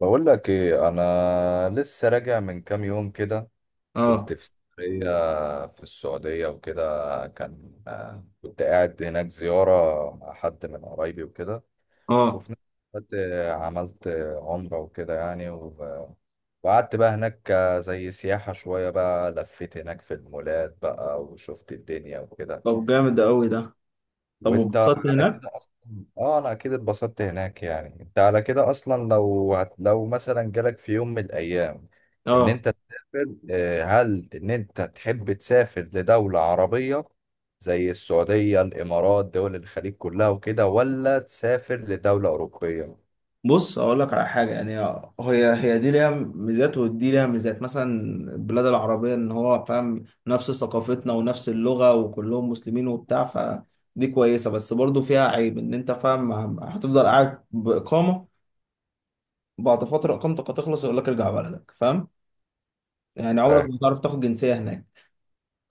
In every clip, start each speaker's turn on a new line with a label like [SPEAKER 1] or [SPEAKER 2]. [SPEAKER 1] بقول لك ايه، انا لسه راجع من كام يوم كده. كنت
[SPEAKER 2] اه،
[SPEAKER 1] في سفرية في السعودية وكده. كان آه، كنت قاعد هناك زيارة مع حد من قرايبي وكده.
[SPEAKER 2] اه.
[SPEAKER 1] وفي نفس الوقت عملت عمرة وكده يعني وقعدت بقى هناك، زي سياحة شوية، بقى لفيت هناك في المولات بقى وشفت الدنيا وكده.
[SPEAKER 2] طب جامد ده قوي ده. طب
[SPEAKER 1] وانت
[SPEAKER 2] واتبسطت
[SPEAKER 1] على
[SPEAKER 2] هناك؟
[SPEAKER 1] كده اصلا. اه، انا اكيد اتبسطت هناك يعني انت على كده اصلا. لو لو مثلا جالك في يوم من الايام ان
[SPEAKER 2] اه.
[SPEAKER 1] انت تسافر، هل ان انت تحب تسافر لدولة عربية زي السعودية، الامارات، دول الخليج كلها وكده، ولا تسافر لدولة اوروبية؟
[SPEAKER 2] بص اقول لك على حاجه، يعني هي دي ليها ميزات ودي ليها ميزات. مثلا البلاد العربيه، ان هو فاهم نفس ثقافتنا ونفس اللغه وكلهم مسلمين وبتاع، فدي كويسه. بس برضو فيها عيب، ان انت فاهم هتفضل قاعد باقامه، بعد فتره اقامتك هتخلص يقول لك ارجع بلدك، فاهم؟ يعني عمرك
[SPEAKER 1] فاهم.
[SPEAKER 2] ما هتعرف تاخد جنسيه هناك.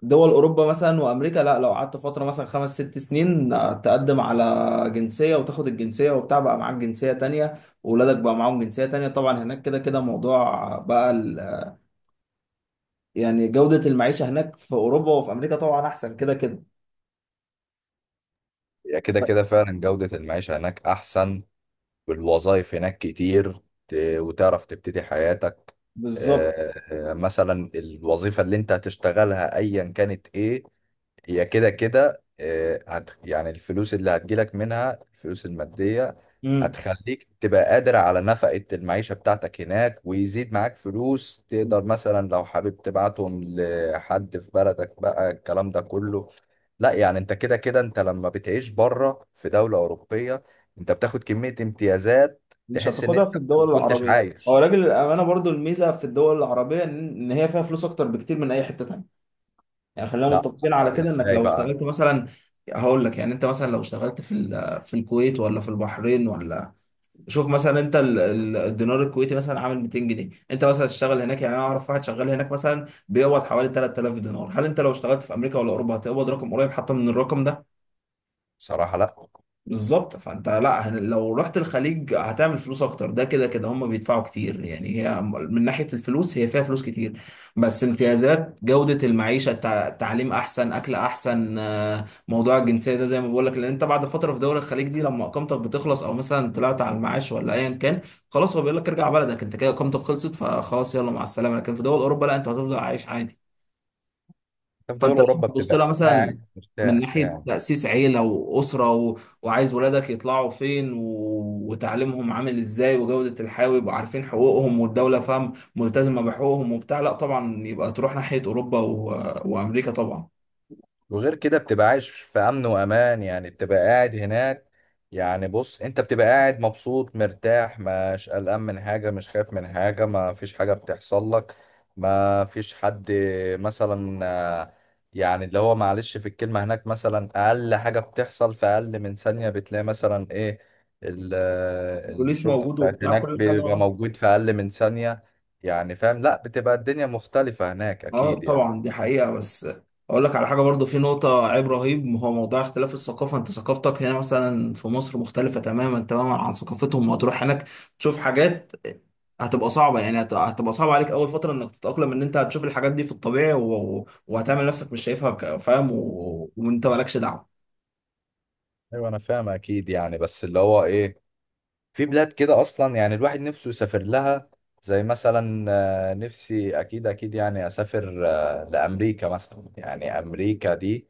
[SPEAKER 2] دول اوروبا مثلا وامريكا لا، لو قعدت فتره مثلا 5 6 سنين تقدم على جنسيه وتاخد الجنسيه وبتاع، بقى معاك جنسيه تانية واولادك بقى معاهم جنسيه تانية. طبعا هناك كده كده موضوع بقى يعني جوده المعيشه هناك في اوروبا وفي امريكا طبعا احسن كده كده.
[SPEAKER 1] هي كده كده فعلا جودة المعيشة هناك احسن، والوظائف هناك كتير. ت- وتعرف تبتدي حياتك.
[SPEAKER 2] بالظبط.
[SPEAKER 1] مثلا الوظيفة اللي انت هتشتغلها ايا كانت ايه، هي كده كده آه، هت يعني الفلوس اللي هتجيلك منها، الفلوس المادية
[SPEAKER 2] امم
[SPEAKER 1] هتخليك تبقى قادر على نفقة المعيشة بتاعتك هناك، ويزيد معاك فلوس تقدر مثلا لو حابب تبعتهم لحد في بلدك بقى الكلام ده كله. لا، يعني انت كده كده انت لما بتعيش بره في دولة أوروبية انت بتاخد كمية امتيازات
[SPEAKER 2] مش
[SPEAKER 1] تحس ان
[SPEAKER 2] هتاخدها في
[SPEAKER 1] انت ما
[SPEAKER 2] الدول
[SPEAKER 1] كنتش
[SPEAKER 2] العربيه. هو
[SPEAKER 1] عايش.
[SPEAKER 2] راجل الامانه برضو الميزه في الدول العربيه، ان هي فيها فلوس اكتر بكتير من اي حته تانية. يعني خلينا
[SPEAKER 1] لا،
[SPEAKER 2] متفقين على
[SPEAKER 1] لا،
[SPEAKER 2] كده، انك
[SPEAKER 1] ازاي
[SPEAKER 2] لو
[SPEAKER 1] بقى؟
[SPEAKER 2] اشتغلت مثلا هقول لك، يعني انت مثلا لو اشتغلت في الكويت ولا في البحرين، ولا شوف مثلا انت الدينار الكويتي مثلا عامل 200 جنيه. انت مثلا تشتغل هناك، يعني انا اعرف واحد شغال هناك مثلا بيقبض حوالي 3000 دينار. هل انت لو اشتغلت في امريكا ولا اوروبا هتقبض رقم قريب حتى من الرقم ده؟
[SPEAKER 1] بصراحة، لا.
[SPEAKER 2] بالظبط. فانت لا، لو رحت الخليج هتعمل فلوس اكتر، ده كده كده هم بيدفعوا كتير. يعني هي من ناحية الفلوس هي فيها فلوس كتير. بس امتيازات جودة المعيشة، تعليم احسن، اكل احسن، موضوع الجنسية ده زي ما بقول لك، لان انت بعد فترة في دولة الخليج دي لما اقامتك بتخلص او مثلا طلعت على المعاش ولا ايا كان، خلاص هو بيقول لك ارجع بلدك انت كده اقامتك خلصت، فخلاص يلا مع السلامة. لكن في دول اوروبا لا، انت هتفضل عايش عادي.
[SPEAKER 1] انت في دول
[SPEAKER 2] فانت لو
[SPEAKER 1] أوروبا
[SPEAKER 2] بتبص لها
[SPEAKER 1] بتبقى
[SPEAKER 2] مثلا
[SPEAKER 1] قاعد
[SPEAKER 2] من
[SPEAKER 1] مرتاح
[SPEAKER 2] ناحيه
[SPEAKER 1] يعني.
[SPEAKER 2] تاسيس عيله واسره وعايز ولادك يطلعوا فين وتعليمهم عامل ازاي وجوده الحياه، ويبقوا عارفين حقوقهم والدوله فاهم ملتزمه بحقوقهم وبتاع، لا طبعا يبقى تروح ناحيه اوروبا وامريكا طبعا.
[SPEAKER 1] وغير كده بتبقى عايش في امن وامان يعني، بتبقى قاعد هناك، يعني بص انت بتبقى قاعد مبسوط مرتاح، مش قلقان من حاجة، مش خايف من حاجة، ما فيش حاجة بتحصل لك، ما فيش حد مثلا، آه، يعني اللي هو معلش في الكلمة هناك، مثلا اقل حاجة بتحصل في اقل من ثانية بتلاقي مثلا ايه،
[SPEAKER 2] بوليس
[SPEAKER 1] الشرطة
[SPEAKER 2] موجود
[SPEAKER 1] بتاعت
[SPEAKER 2] وبتاع
[SPEAKER 1] هناك
[SPEAKER 2] كل حاجه،
[SPEAKER 1] بيبقى
[SPEAKER 2] آه.
[SPEAKER 1] موجود في اقل من ثانية. يعني فاهم، لا بتبقى الدنيا مختلفة هناك
[SPEAKER 2] اه
[SPEAKER 1] اكيد يعني.
[SPEAKER 2] طبعا دي حقيقة. بس اقول لك على حاجة برضو، في نقطة عيب رهيب هو موضوع اختلاف الثقافة. انت ثقافتك هنا مثلا في مصر مختلفة تماما تماما عن ثقافتهم، وهتروح هناك تشوف حاجات هتبقى صعبة. يعني هتبقى صعبة عليك اول فترة انك تتأقلم، ان انت هتشوف الحاجات دي في الطبيعي وهتعمل نفسك مش شايفها، فاهم، وانت مالكش دعوة.
[SPEAKER 1] ايوه انا فاهم اكيد يعني، بس اللي هو ايه، في بلاد كده اصلا يعني الواحد نفسه يسافر لها، زي مثلا نفسي اكيد اكيد يعني اسافر لامريكا مثلا، يعني امريكا دي،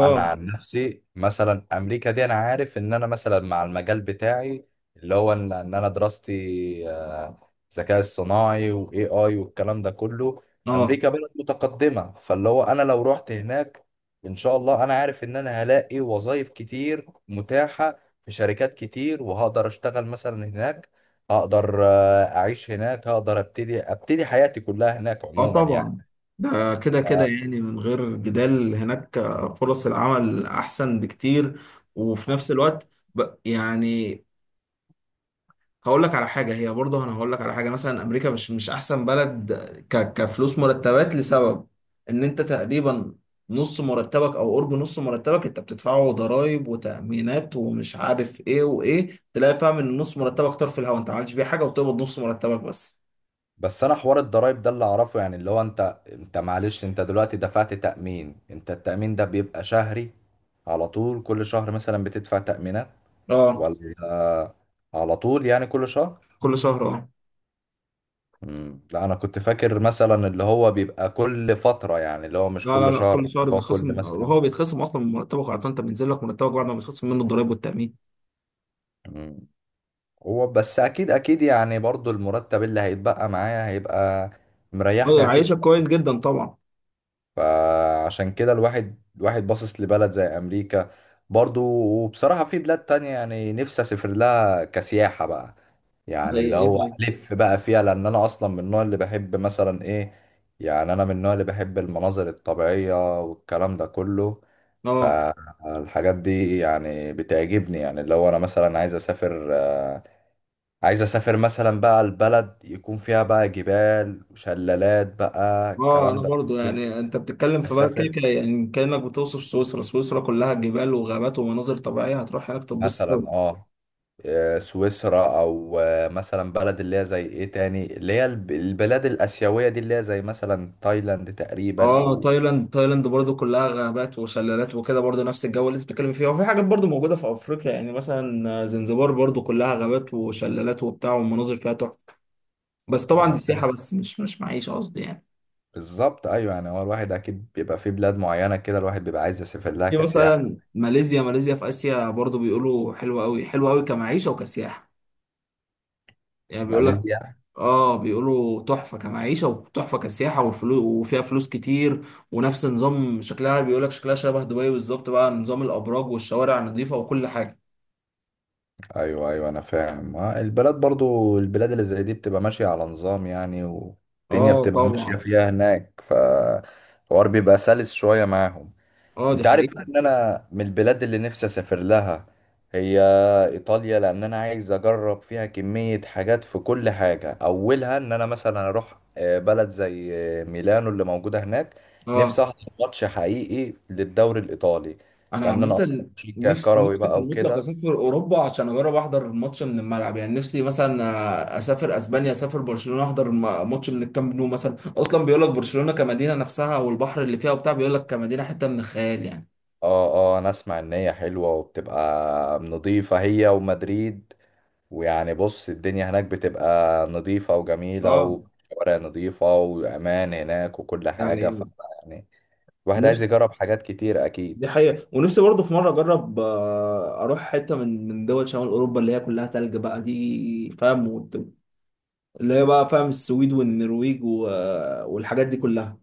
[SPEAKER 1] انا عن نفسي مثلا امريكا دي انا عارف ان انا مثلا مع المجال بتاعي، اللي هو ان انا دراستي ذكاء اصطناعي، واي اي، والكلام ده كله.
[SPEAKER 2] اه،
[SPEAKER 1] امريكا بلد متقدمه، فاللي هو انا لو رحت هناك ان شاء الله انا عارف ان انا هلاقي وظائف كتير متاحه في شركات كتير، وهقدر اشتغل مثلا هناك، هقدر اعيش هناك، هقدر ابتدي حياتي كلها هناك
[SPEAKER 2] اه.
[SPEAKER 1] عموما يعني.
[SPEAKER 2] طبعا ده كده كده يعني من غير جدال، هناك فرص العمل احسن بكتير. وفي نفس الوقت يعني هقول لك على حاجة. هي برضه أنا هقول لك على حاجة، مثلا أمريكا مش أحسن بلد، كفلوس مرتبات، لسبب إن أنت تقريبا نص مرتبك أو قرب نص مرتبك أنت بتدفعه ضرايب وتأمينات ومش عارف إيه وإيه. تلاقي فاهم إن نص مرتبك طار في الهوا، أنت ما عملتش بيه حاجة وبتقبض نص مرتبك بس.
[SPEAKER 1] بس انا حوار الضرايب ده اللي اعرفه، يعني اللي هو انت معلش انت دلوقتي دفعت تأمين، انت التأمين ده بيبقى شهري على طول؟ كل شهر مثلا بتدفع تأمينات
[SPEAKER 2] أه،
[SPEAKER 1] ولا على طول يعني كل شهر؟
[SPEAKER 2] كل شهر أه.
[SPEAKER 1] مم. لا انا كنت فاكر مثلا اللي هو بيبقى كل فترة، يعني اللي هو مش
[SPEAKER 2] لا، لا،
[SPEAKER 1] كل
[SPEAKER 2] لا،
[SPEAKER 1] شهر،
[SPEAKER 2] كل شهر
[SPEAKER 1] اللي هو كل
[SPEAKER 2] بيتخصم،
[SPEAKER 1] مثلا.
[SPEAKER 2] هو بيتخصم أصلا من مرتبك على طول، أنت بينزل لك مرتبك بعد ما بيتخصم منه الضرايب والتأمين.
[SPEAKER 1] مم. هو بس اكيد اكيد يعني برضو المرتب اللي هيتبقى معايا هيبقى
[SPEAKER 2] أه
[SPEAKER 1] مريحني اكيد
[SPEAKER 2] يعيشك كويس
[SPEAKER 1] شوية.
[SPEAKER 2] جدا طبعا.
[SPEAKER 1] فعشان كده الواحد باصص لبلد زي امريكا، برضو. وبصراحة في بلاد تانية يعني نفسي اسافر لها كسياحة بقى،
[SPEAKER 2] إيه
[SPEAKER 1] يعني اللي
[SPEAKER 2] إيه؟
[SPEAKER 1] هو
[SPEAKER 2] طيب.
[SPEAKER 1] الف بقى فيها، لان انا اصلا من النوع اللي بحب مثلا ايه، يعني انا من النوع اللي بحب المناظر الطبيعية والكلام ده كله،
[SPEAKER 2] أه.
[SPEAKER 1] فالحاجات دي يعني بتعجبني. يعني اللي هو انا مثلا عايز اسافر، عايز اسافر مثلا بقى البلد يكون فيها بقى جبال وشلالات بقى،
[SPEAKER 2] اه
[SPEAKER 1] الكلام
[SPEAKER 2] انا
[SPEAKER 1] ده
[SPEAKER 2] برضو،
[SPEAKER 1] كله.
[SPEAKER 2] يعني انت بتتكلم في بقى كده
[SPEAKER 1] اسافر
[SPEAKER 2] كده، يعني كانك بتوصف سويسرا. سويسرا كلها جبال وغابات ومناظر طبيعيه، هتروح هناك تتبسط أوي.
[SPEAKER 1] مثلا اه، سويسرا، او مثلا بلد اللي هي زي ايه تاني، اللي هي البلاد الاسيويه دي، اللي هي زي مثلا تايلاند تقريبا،
[SPEAKER 2] اه
[SPEAKER 1] او
[SPEAKER 2] تايلاند. تايلاند برضو كلها غابات وشلالات وكده، برضو نفس الجو اللي انت بتتكلم فيه. وفي حاجات برضو موجوده في افريقيا، يعني مثلا زنزبار برضو كلها غابات وشلالات وبتاع والمناظر فيها تحفه. بس طبعا دي
[SPEAKER 1] انا فاهم.
[SPEAKER 2] سياحه بس، مش معيشه قصدي يعني.
[SPEAKER 1] بالظبط ايوه، يعني هو الواحد اكيد بيبقى في بلاد معينه كده الواحد بيبقى عايز يسافر لها
[SPEAKER 2] في
[SPEAKER 1] كسياحه.
[SPEAKER 2] مثلا ماليزيا. ماليزيا في اسيا برضو، بيقولوا حلوه قوي حلوه قوي كمعيشه وكسياحه. يعني بيقول لك،
[SPEAKER 1] ماليزيا؟
[SPEAKER 2] اه بيقولوا تحفة كمعيشة وتحفة كسياحة، والفلوس وفيها فلوس كتير. ونفس نظام شكلها بيقولك شكلها شبه دبي بالظبط، بقى نظام الأبراج والشوارع نظيفة وكل حاجة.
[SPEAKER 1] ايوه، ايوه، انا فاهم. البلاد برضو، البلاد اللي زي دي بتبقى ماشيه على نظام يعني، والدنيا
[SPEAKER 2] اه
[SPEAKER 1] بتبقى ماشيه
[SPEAKER 2] طبعا.
[SPEAKER 1] فيها هناك، فالحوار بيبقى سلس شويه معاهم.
[SPEAKER 2] اه دي
[SPEAKER 1] انت عارف
[SPEAKER 2] حقيقة.
[SPEAKER 1] بقى ان انا من البلاد اللي نفسي اسافر لها، هي ايطاليا، لان انا عايز اجرب فيها كمية حاجات في كل حاجة. اولها ان انا مثلا اروح بلد زي ميلانو اللي موجودة هناك. نفسي
[SPEAKER 2] اه.
[SPEAKER 1] احضر ماتش حقيقي للدوري الايطالي،
[SPEAKER 2] أنا
[SPEAKER 1] لان انا اصلا
[SPEAKER 2] عامة
[SPEAKER 1] مشجع
[SPEAKER 2] نفسي،
[SPEAKER 1] كروي
[SPEAKER 2] نفسي في
[SPEAKER 1] بقى
[SPEAKER 2] المطلق
[SPEAKER 1] وكده.
[SPEAKER 2] أسافر أوروبا عشان أجرب أحضر ماتش من الملعب. يعني نفسي مثلا أسافر أسبانيا، أسافر برشلونة أحضر ماتش من الكامب نو مثلا. أصلا بيقولك برشلونة كمدينة نفسها والبحر اللي فيها وبتاع، بيقولك كمدينة حتة من الخيال يعني.
[SPEAKER 1] اه، اه، انا اسمع ان هي حلوة وبتبقى نظيفة، هي ومدريد، ويعني بص الدنيا هناك بتبقى نظيفة وجميلة،
[SPEAKER 2] اه.
[SPEAKER 1] وشوارع نظيفة، وأمان هناك وكل حاجة، ف
[SPEAKER 2] يعني
[SPEAKER 1] يعني الواحد عايز
[SPEAKER 2] نفسي،
[SPEAKER 1] يجرب حاجات كتير أكيد.
[SPEAKER 2] دي حقيقة. ونفسي برضه في مرة أجرب، أروح حتة من دول شمال أوروبا اللي هي كلها تلج بقى دي، فاهم، اللي هي بقى فاهم السويد والنرويج، والحاجات دي كلها.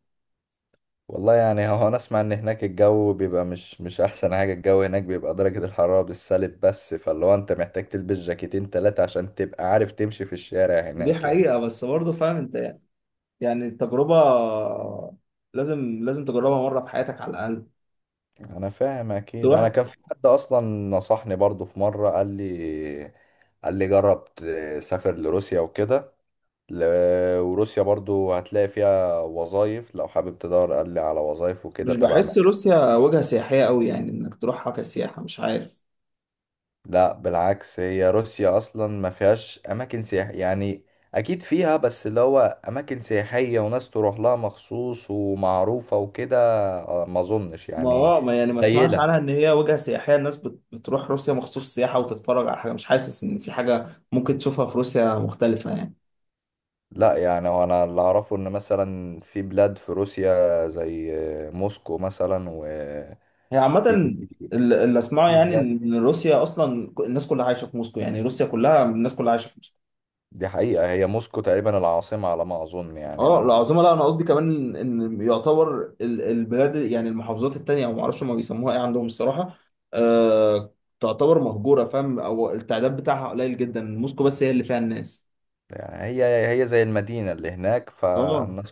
[SPEAKER 1] والله يعني هو أنا أسمع إن هناك الجو بيبقى مش أحسن حاجة، الجو هناك بيبقى درجة الحرارة بالسالب، بس فاللي هو أنت محتاج تلبس جاكيتين 3 عشان تبقى عارف تمشي في الشارع
[SPEAKER 2] ودي
[SPEAKER 1] هناك يعني.
[SPEAKER 2] حقيقة، بس برضه فاهم أنت، يعني يعني التجربة لازم لازم تجربها مرة في حياتك على الأقل.
[SPEAKER 1] أنا فاهم أكيد. أنا
[SPEAKER 2] تروح.
[SPEAKER 1] كان في حد أصلا نصحني برضو في مرة، قال لي، قال لي جرب تسافر لروسيا وكده. وروسيا برضو هتلاقي فيها وظائف لو حابب تدور، قال لي على وظائف وكده
[SPEAKER 2] مش
[SPEAKER 1] تبع
[SPEAKER 2] بحس
[SPEAKER 1] مجال.
[SPEAKER 2] روسيا وجهة سياحية أوي يعني، إنك تروحها كسياحة، مش عارف.
[SPEAKER 1] لا بالعكس، هي روسيا اصلا ما فيهاش اماكن سياحية يعني، اكيد فيها بس اللي هو اماكن سياحية وناس تروح لها مخصوص ومعروفة وكده، ما اظنش
[SPEAKER 2] ما
[SPEAKER 1] يعني.
[SPEAKER 2] اه ما يعني ما اسمعش
[SPEAKER 1] قليلة.
[SPEAKER 2] عنها ان هي وجهة سياحية. الناس بتروح روسيا مخصوص سياحة وتتفرج على حاجة؟ مش حاسس ان في حاجة ممكن تشوفها في روسيا مختلفة يعني.
[SPEAKER 1] لا يعني هو انا اللي اعرفه ان مثلا في بلاد في روسيا زي موسكو مثلا، وفي
[SPEAKER 2] هي عامة، اللي اسمعه
[SPEAKER 1] في
[SPEAKER 2] يعني
[SPEAKER 1] بلاد،
[SPEAKER 2] ان روسيا اصلا، الناس كلها عايشة في موسكو، يعني روسيا كلها الناس كلها عايشة في موسكو.
[SPEAKER 1] دي حقيقة. هي موسكو تقريبا العاصمة على ما أظن يعني،
[SPEAKER 2] اه
[SPEAKER 1] أو
[SPEAKER 2] العاصمة. لا انا قصدي كمان ان يعتبر البلاد، يعني المحافظات التانية، او ما اعرفش ما بيسموها ايه عندهم الصراحة، آه تعتبر مهجورة فاهم، او التعداد بتاعها قليل جدا، موسكو بس هي اللي فيها الناس.
[SPEAKER 1] يعني هي، هي زي المدينة اللي هناك،
[SPEAKER 2] اه.
[SPEAKER 1] فالناس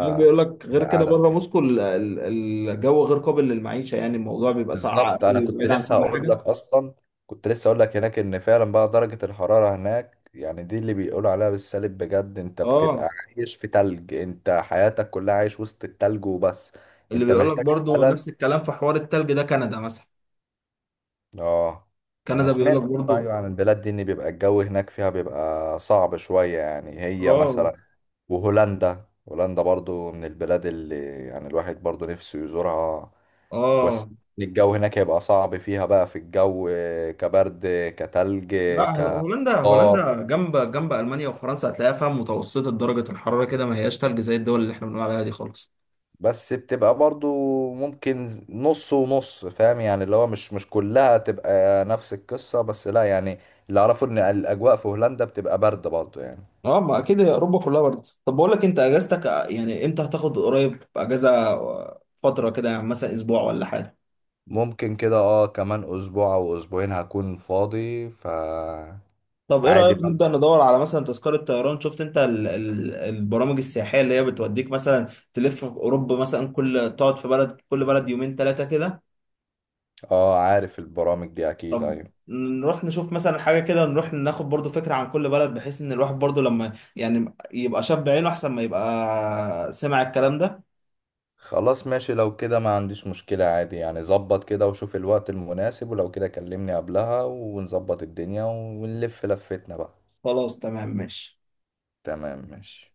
[SPEAKER 2] يعني بيقول لك غير كده
[SPEAKER 1] قاعدة
[SPEAKER 2] بره
[SPEAKER 1] فيها.
[SPEAKER 2] موسكو الجو غير قابل للمعيشه، يعني الموضوع بيبقى ساقع
[SPEAKER 1] بالظبط، أنا
[SPEAKER 2] قوي
[SPEAKER 1] كنت
[SPEAKER 2] وبعيد عن
[SPEAKER 1] لسه
[SPEAKER 2] كل
[SPEAKER 1] هقول لك
[SPEAKER 2] حاجه.
[SPEAKER 1] أصلا، كنت لسه هقول لك هناك إن فعلا بقى درجة الحرارة هناك يعني، دي اللي بيقولوا عليها بالسالب بجد. أنت
[SPEAKER 2] اه
[SPEAKER 1] بتبقى عايش في تلج، أنت حياتك كلها عايش وسط التلج وبس.
[SPEAKER 2] اللي
[SPEAKER 1] أنت
[SPEAKER 2] بيقول لك
[SPEAKER 1] محتاج
[SPEAKER 2] برضو
[SPEAKER 1] فعلا.
[SPEAKER 2] نفس الكلام في حوار التلج ده، كندا مثلا.
[SPEAKER 1] اه، انا
[SPEAKER 2] كندا بيقول
[SPEAKER 1] سمعت
[SPEAKER 2] لك
[SPEAKER 1] برضه
[SPEAKER 2] برضو.
[SPEAKER 1] ايوه عن البلاد دي ان بيبقى الجو هناك فيها بيبقى صعب شوية يعني، هي
[SPEAKER 2] اه.
[SPEAKER 1] مثلا. وهولندا، هولندا برضو من البلاد اللي يعني الواحد برضو نفسه يزورها،
[SPEAKER 2] اه
[SPEAKER 1] بس الجو هناك هيبقى صعب فيها بقى، في الجو كبرد، كتلج،
[SPEAKER 2] لا، هولندا.
[SPEAKER 1] كطار،
[SPEAKER 2] هولندا جنب جنب المانيا وفرنسا، هتلاقيها فيها متوسطه درجه الحراره كده، ما هياش تلج زي الدول اللي احنا بنقول عليها دي خالص.
[SPEAKER 1] بس بتبقى برضو ممكن نص ونص، فاهم يعني، اللي هو مش كلها تبقى نفس القصة، بس لا يعني، اللي اعرفه ان الاجواء في هولندا بتبقى برد برضو يعني.
[SPEAKER 2] اه ما اكيد هي اوروبا كلها برضه. طب بقول لك، انت اجازتك يعني امتى هتاخد؟ قريب اجازه، فتره كده، يعني مثلا اسبوع ولا حاجه؟
[SPEAKER 1] ممكن كده، اه، كمان اسبوع او اسبوعين هكون فاضي، ف
[SPEAKER 2] طب ايه
[SPEAKER 1] عادي
[SPEAKER 2] رأيك
[SPEAKER 1] بقى.
[SPEAKER 2] نبدأ ندور على مثلا تذكرة طيران؟ شفت انت ال ال البرامج السياحية اللي هي بتوديك مثلا تلف في اوروبا مثلا، كل تقعد في بلد، كل بلد يومين 3 كده.
[SPEAKER 1] اه، عارف البرامج دي اكيد،
[SPEAKER 2] طب
[SPEAKER 1] ايوه.
[SPEAKER 2] نروح نشوف مثلا حاجة كده، نروح ناخد برضو فكرة عن كل بلد، بحيث ان الواحد برضو لما يعني يبقى شاب عينه احسن ما يبقى سمع الكلام ده.
[SPEAKER 1] خلاص ماشي، لو كده ما عنديش مشكلة عادي يعني. ظبط كده وشوف الوقت المناسب، ولو كده كلمني قبلها ونظبط الدنيا ونلف لفتنا بقى.
[SPEAKER 2] خلاص تمام ماشي.
[SPEAKER 1] تمام ماشي.